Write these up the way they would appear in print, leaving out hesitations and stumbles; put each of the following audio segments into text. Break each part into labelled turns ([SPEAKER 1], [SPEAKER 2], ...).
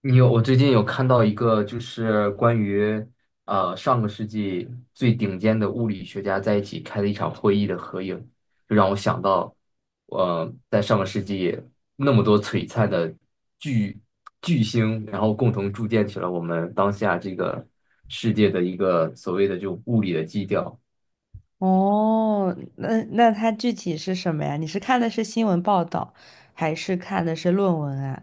[SPEAKER 1] 你有，我最近有看到一个，就是关于上个世纪最顶尖的物理学家在一起开的一场会议的合影，就让我想到。在上个世纪那么多璀璨的巨巨星，然后共同铸建起了我们当下这个世界的一个所谓的就物理的基调。
[SPEAKER 2] 哦，那它具体是什么呀？你是看的是新闻报道，还是看的是论文啊？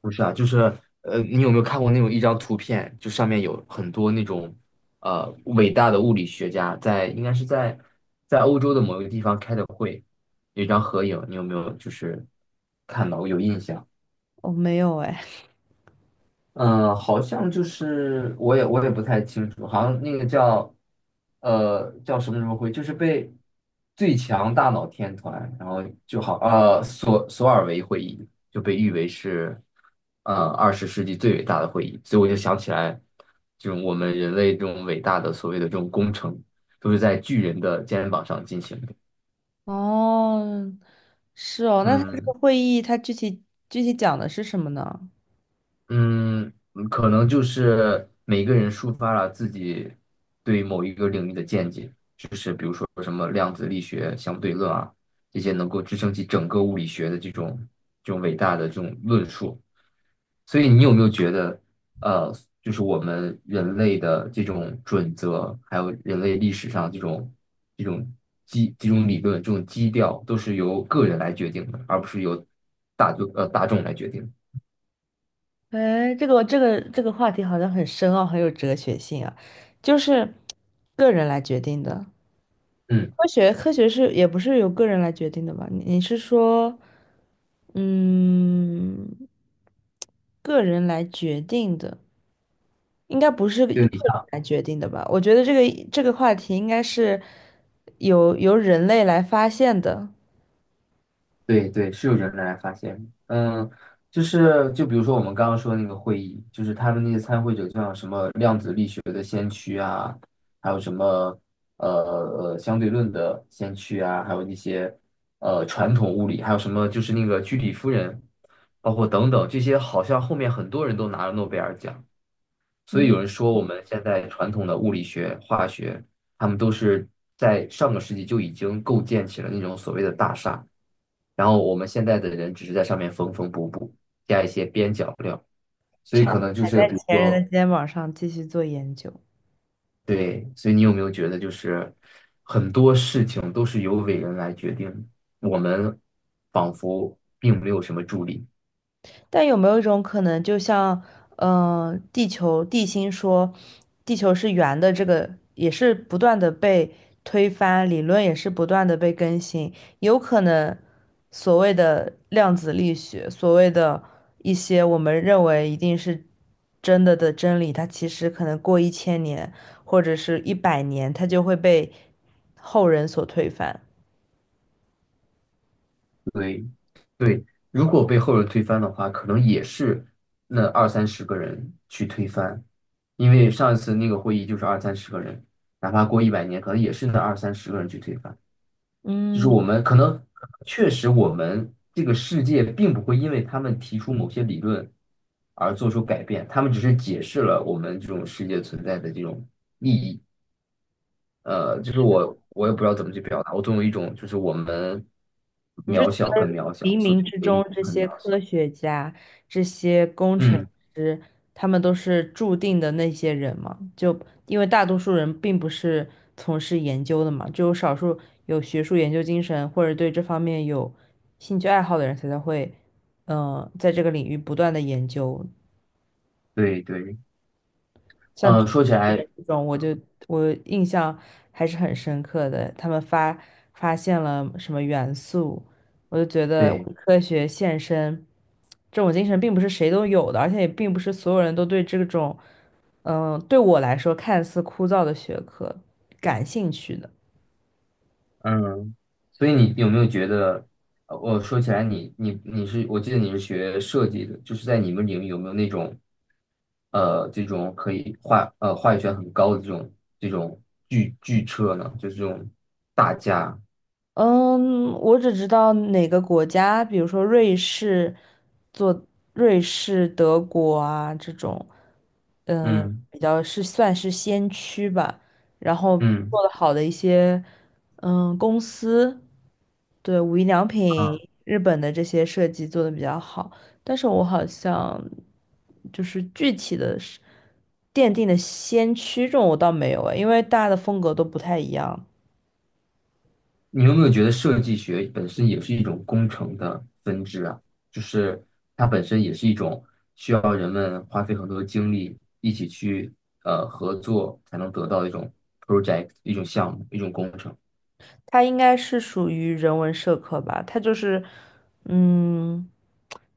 [SPEAKER 1] 不是啊，就是你有没有看过那种一张图片，就上面有很多那种伟大的物理学家在，应该是在欧洲的某一个地方开的会，有一张合影，你有没有就是看到有印象？
[SPEAKER 2] 哦，没有哎。
[SPEAKER 1] 嗯，好像就是我也不太清楚，好像那个叫叫什么什么会，就是被最强大脑天团，然后就好索尔维会议就被誉为是20世纪最伟大的会议，所以我就想起来，这种我们人类这种伟大的所谓的这种工程，都是在巨人的肩膀上进行的。
[SPEAKER 2] 哦，是哦，那它这个
[SPEAKER 1] 嗯。
[SPEAKER 2] 会议它具体讲的是什么呢？
[SPEAKER 1] 嗯。可能就是每个人抒发了自己对某一个领域的见解，就是比如说什么量子力学、相对论啊，这些能够支撑起整个物理学的这种伟大的这种论述。所以你有没有觉得？呃，就是我们人类的这种准则，还有人类历史上这种这种理论、这种基调，都是由个人来决定的，而不是由大众来决定的。
[SPEAKER 2] 哎，这个话题好像很深奥，很有哲学性啊，就是个人来决定的。
[SPEAKER 1] 嗯，
[SPEAKER 2] 科学是也不是由个人来决定的吧？你是说，嗯，个人来决定的。应该不是个人
[SPEAKER 1] 就你像。
[SPEAKER 2] 来决定的吧？我觉得这个话题应该是由人类来发现的，
[SPEAKER 1] 对对，是有人来发现。嗯，就是就比如说我们刚刚说的那个会议，就是他们那些参会者，像什么量子力学的，还有什么呃相对论的先驱啊，还有那些传统物理，还有什么就是那个居里夫人，包括等等这些，好像后面很多人都拿了诺贝尔奖，所以
[SPEAKER 2] 嗯，
[SPEAKER 1] 有人说我们现在传统的物理学、化学，他们都是在上个世纪就已经构建起了那种所谓的大厦。然后我们现在的人只是在上面缝缝补补，加一些边角料，所以
[SPEAKER 2] 踩
[SPEAKER 1] 可能就
[SPEAKER 2] 踩
[SPEAKER 1] 是
[SPEAKER 2] 在
[SPEAKER 1] 比如
[SPEAKER 2] 前人的
[SPEAKER 1] 说。
[SPEAKER 2] 肩膀上继续做研究。
[SPEAKER 1] 对，所以你有没有觉得就是很多事情都是由伟人来决定的？我们仿佛并没有什么助力。
[SPEAKER 2] 但有没有一种可能，就像，地球地心说，地球是圆的，这个也是不断的被推翻，理论也是不断的被更新，有可能所谓的量子力学，所谓的一些我们认为一定是真的的真理，它其实可能过1000年或者是100年，它就会被后人所推翻。
[SPEAKER 1] 对对，如果被后人推翻的话，可能也是那二三十个人去推翻，因为上一次那个会议就是二三十个人，哪怕过100年，可能也是那二三十个人去推翻。就是
[SPEAKER 2] 嗯，
[SPEAKER 1] 我们可能确实我们这个世界并不会因为他们提出某些理论而做出改变，他们只是解释了我们这种世界存在的这种。就是我也不知道怎么去表达，我总有一种就是我们
[SPEAKER 2] 你是
[SPEAKER 1] 渺
[SPEAKER 2] 觉
[SPEAKER 1] 小很
[SPEAKER 2] 得
[SPEAKER 1] 渺小，
[SPEAKER 2] 冥
[SPEAKER 1] 所
[SPEAKER 2] 冥之中
[SPEAKER 1] 以
[SPEAKER 2] 这
[SPEAKER 1] 很
[SPEAKER 2] 些
[SPEAKER 1] 渺
[SPEAKER 2] 科
[SPEAKER 1] 小。
[SPEAKER 2] 学家、这些工程
[SPEAKER 1] 嗯。
[SPEAKER 2] 师，他们都是注定的那些人吗？就因为大多数人并不是从事研究的嘛，只有少数有学术研究精神或者对这方面有兴趣爱好的人才会，在这个领域不断的研究。
[SPEAKER 1] 对对。
[SPEAKER 2] 像巨
[SPEAKER 1] 说起
[SPEAKER 2] 人
[SPEAKER 1] 来。
[SPEAKER 2] 这种，我印象还是很深刻的。他们发现了什么元素，我就觉得
[SPEAKER 1] 对。
[SPEAKER 2] 为科学献身这种精神并不是谁都有的，而且也并不是所有人都对这种，对我来说看似枯燥的学科感兴趣的。
[SPEAKER 1] 嗯，所以你有没有觉得？我说起来你，你是，我记得你是学设计的，就是在你们领域有没有那种？这种可以话语权很高的这种巨车呢？就是这种大家。
[SPEAKER 2] 嗯，我只知道哪个国家，比如说瑞士，做瑞士、德国啊这种，
[SPEAKER 1] 嗯
[SPEAKER 2] 比较是算是先驱吧。然后
[SPEAKER 1] 嗯。
[SPEAKER 2] 做的好的一些，公司，对，无印良品、日本的这些设计做的比较好。但是我好像就是具体的是奠定的先驱这种我倒没有诶，因为大家的风格都不太一样。
[SPEAKER 1] 你有没有觉得设计学本身也是一种工程的分支啊？就是它本身也是一种需要人们花费很多的精力一起去合作才能得到的一种 project、一种项目、一种工程
[SPEAKER 2] 它应该是属于人文社科吧？它就是，嗯，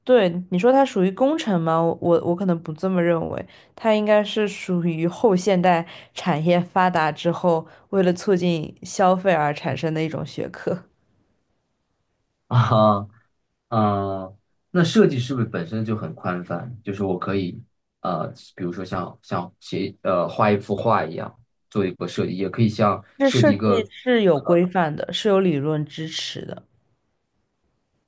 [SPEAKER 2] 对，你说它属于工程吗？我可能不这么认为，它应该是属于后现代产业发达之后，为了促进消费而产生的一种学科。
[SPEAKER 1] 啊。嗯，那设计是不是本身就很宽泛？就是我可以呃，比如说像写画一幅画一样做一个设计，也可以像
[SPEAKER 2] 这
[SPEAKER 1] 设
[SPEAKER 2] 设
[SPEAKER 1] 计一
[SPEAKER 2] 计
[SPEAKER 1] 个。
[SPEAKER 2] 是有规范的，是有理论支持的。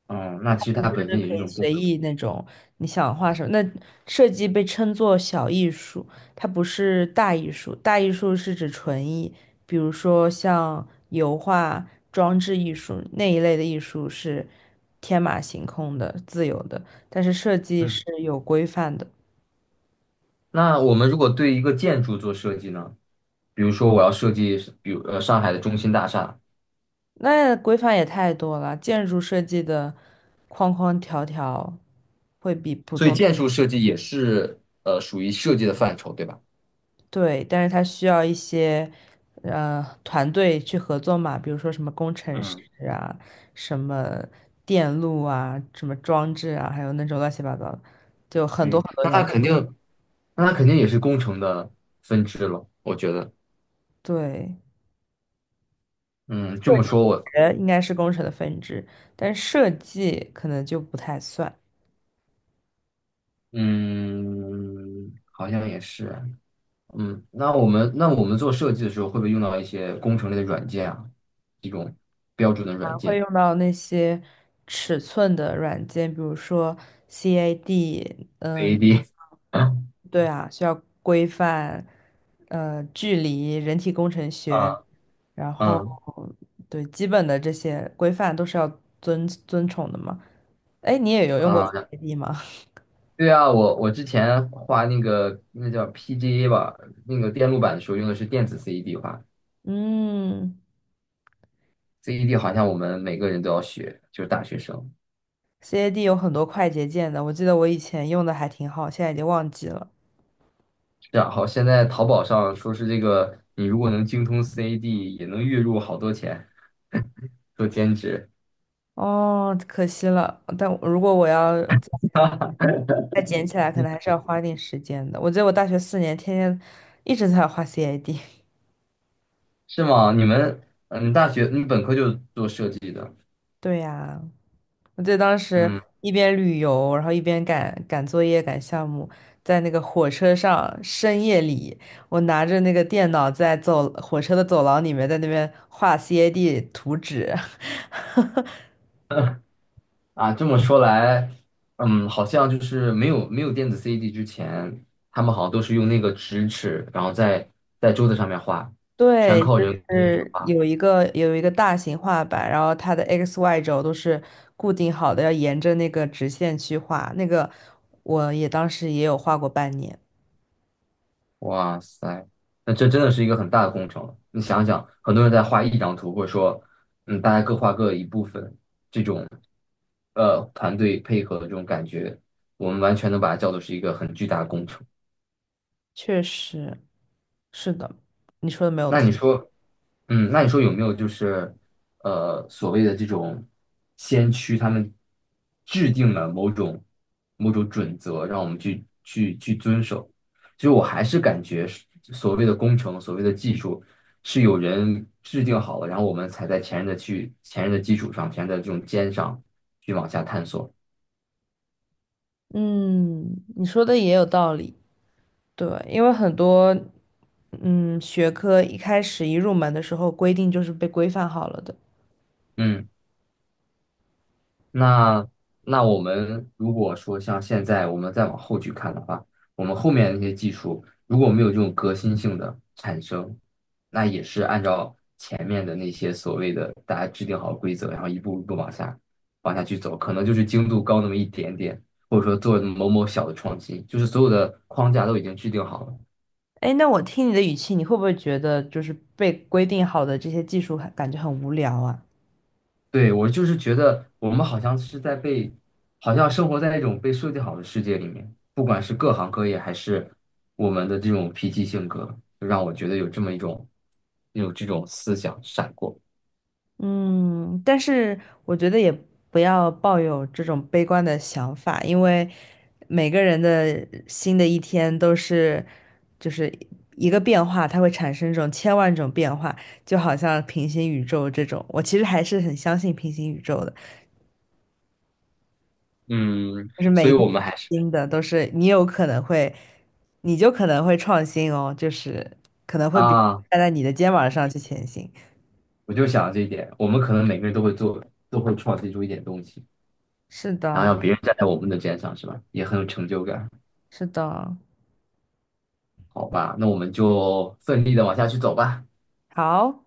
[SPEAKER 1] 嗯，那其实
[SPEAKER 2] 不是
[SPEAKER 1] 它本身也是
[SPEAKER 2] 可
[SPEAKER 1] 一
[SPEAKER 2] 以
[SPEAKER 1] 种工
[SPEAKER 2] 随
[SPEAKER 1] 程。
[SPEAKER 2] 意那种，你想画什么？那设计被称作小艺术，它不是大艺术。大艺术是指纯艺，比如说像油画、装置艺术那一类的艺术是天马行空的、自由的，但是设计是有规范的。
[SPEAKER 1] 那我们如果对一个建筑做设计呢？比如说我要设计，比如上海的中心大厦，
[SPEAKER 2] 那规范也太多了，建筑设计的框框条条。会比不。
[SPEAKER 1] 所以建筑设计也是属于设计的范畴，对吧？
[SPEAKER 2] 对，但是它需要一些团队去合作嘛，比如说什么工程师
[SPEAKER 1] 嗯，
[SPEAKER 2] 啊，什么电路啊，什么装置啊，还有那种乱七八糟的，就很多
[SPEAKER 1] 对，
[SPEAKER 2] 很多要。
[SPEAKER 1] 那它肯定也是工程的分支了，我觉得。
[SPEAKER 2] 对，
[SPEAKER 1] 嗯，这么说我。
[SPEAKER 2] 应该是工程的分支，但设计可能就不太算。
[SPEAKER 1] 嗯，好像也是。嗯，那我们做设计的时候，会不会用到一些工程类的软件啊？这种标准的
[SPEAKER 2] 还
[SPEAKER 1] 软
[SPEAKER 2] 会
[SPEAKER 1] 件
[SPEAKER 2] 用到那些尺寸的软件，比如说 CAD，
[SPEAKER 1] a
[SPEAKER 2] 嗯。
[SPEAKER 1] d
[SPEAKER 2] 对啊，需要规范，距离、人体工程学，
[SPEAKER 1] 啊。
[SPEAKER 2] 然后
[SPEAKER 1] 嗯
[SPEAKER 2] 对基本的这些规范都是要遵从的嘛。哎，你也有用过
[SPEAKER 1] 嗯
[SPEAKER 2] CAD 吗？
[SPEAKER 1] 对啊，我之前画那个那叫 PGA 吧，那个电路板的时候用的是电子 CED 画
[SPEAKER 2] 嗯
[SPEAKER 1] ，CED 好像我们每个人都要学，就是大学生。
[SPEAKER 2] ，CAD 有很多快捷键的，我记得我以前用的还挺好，现在已经忘记了。
[SPEAKER 1] 然后现在淘宝上说是这个，你如果能精通 CAD 也能月入好多钱，做兼职
[SPEAKER 2] 哦，可惜了。但如果我要再捡起来，可能还是要花点时间的。我记得我大学4年天天一直在画 CAD。
[SPEAKER 1] 是吗？你们。嗯，大学你本科就做设计的。
[SPEAKER 2] 对呀，我记得当时
[SPEAKER 1] 嗯。
[SPEAKER 2] 一边旅游，然后一边赶作业、赶项目，在那个火车上深夜里，我拿着那个电脑在走火车的走廊里面，在那边画 CAD 图纸。
[SPEAKER 1] 啊，这么说来。好像就是没有电子 CD a D 之前，他们好像都是用那个直尺，然后在桌子上面画，全
[SPEAKER 2] 对，就
[SPEAKER 1] 靠人
[SPEAKER 2] 是
[SPEAKER 1] 工。
[SPEAKER 2] 有一个大型画板，然后它的 x、y 轴都是固定好的，要沿着那个直线去画。那个我也当时也有画过半年，
[SPEAKER 1] 哇塞，那这真的是一个很大的工程了。你想想，很多人在画一张图，或者说。大家各画各一部分，这种团队配合的这种感觉，我们完全能把它叫做是一个很巨大的工程。
[SPEAKER 2] 确实是的，你说的没有
[SPEAKER 1] 那
[SPEAKER 2] 错。
[SPEAKER 1] 你说。有没有就是所谓的这种先驱，他们制定了某种某种准则，让我们去遵守？其实我还是感觉是所谓的工程，所谓的技术，是有人制定好了，然后我们才在前人的基础上，前人的这种肩上去往下探索。
[SPEAKER 2] 嗯，你说的也有道理。对，因为很多学科一开始一入门的时候规定就是被规范好了的。
[SPEAKER 1] 嗯。那那我们如果说像现在我们再往后去看的话，我们后面那些技术如果没有这种革新性的产生，那也是按照前面的那些所谓的大家制定好规则，然后一步一步往下去走，可能就是精度高那么一点点，或者说做某某小的创新，就是所有的框架都已经制定好了。
[SPEAKER 2] 哎，那我听你的语气，你会不会觉得就是被规定好的这些技术感觉很无聊啊？
[SPEAKER 1] 对，我就是觉得我们好像是在被，好像生活在一种被设计好的世界里面，不管是各行各业，还是我们的这种脾气性格，就让我觉得有这么一种，有这种思想闪过。
[SPEAKER 2] 嗯，但是我觉得也不要抱有这种悲观的想法，因为每个人的新的一天都是就是一个变化，它会产生这种千万种变化，就好像平行宇宙这种，我其实还是很相信平行宇宙的。
[SPEAKER 1] 嗯，
[SPEAKER 2] 就是每
[SPEAKER 1] 所
[SPEAKER 2] 一
[SPEAKER 1] 以
[SPEAKER 2] 天
[SPEAKER 1] 我
[SPEAKER 2] 都
[SPEAKER 1] 们
[SPEAKER 2] 是
[SPEAKER 1] 还是。
[SPEAKER 2] 新的，都是你有可能会，你就可能会创新哦，就是可能会别人
[SPEAKER 1] 啊，
[SPEAKER 2] 站在你的肩膀上去前行。
[SPEAKER 1] 我就想这一点，我们可能每个人都会做，都会创新出一点东西，
[SPEAKER 2] 是
[SPEAKER 1] 然后
[SPEAKER 2] 的，
[SPEAKER 1] 让别人站在我们的肩上，是吧？也很有成就感。
[SPEAKER 2] 是的，
[SPEAKER 1] 好吧，那我们就奋力的往下去走吧。
[SPEAKER 2] 好。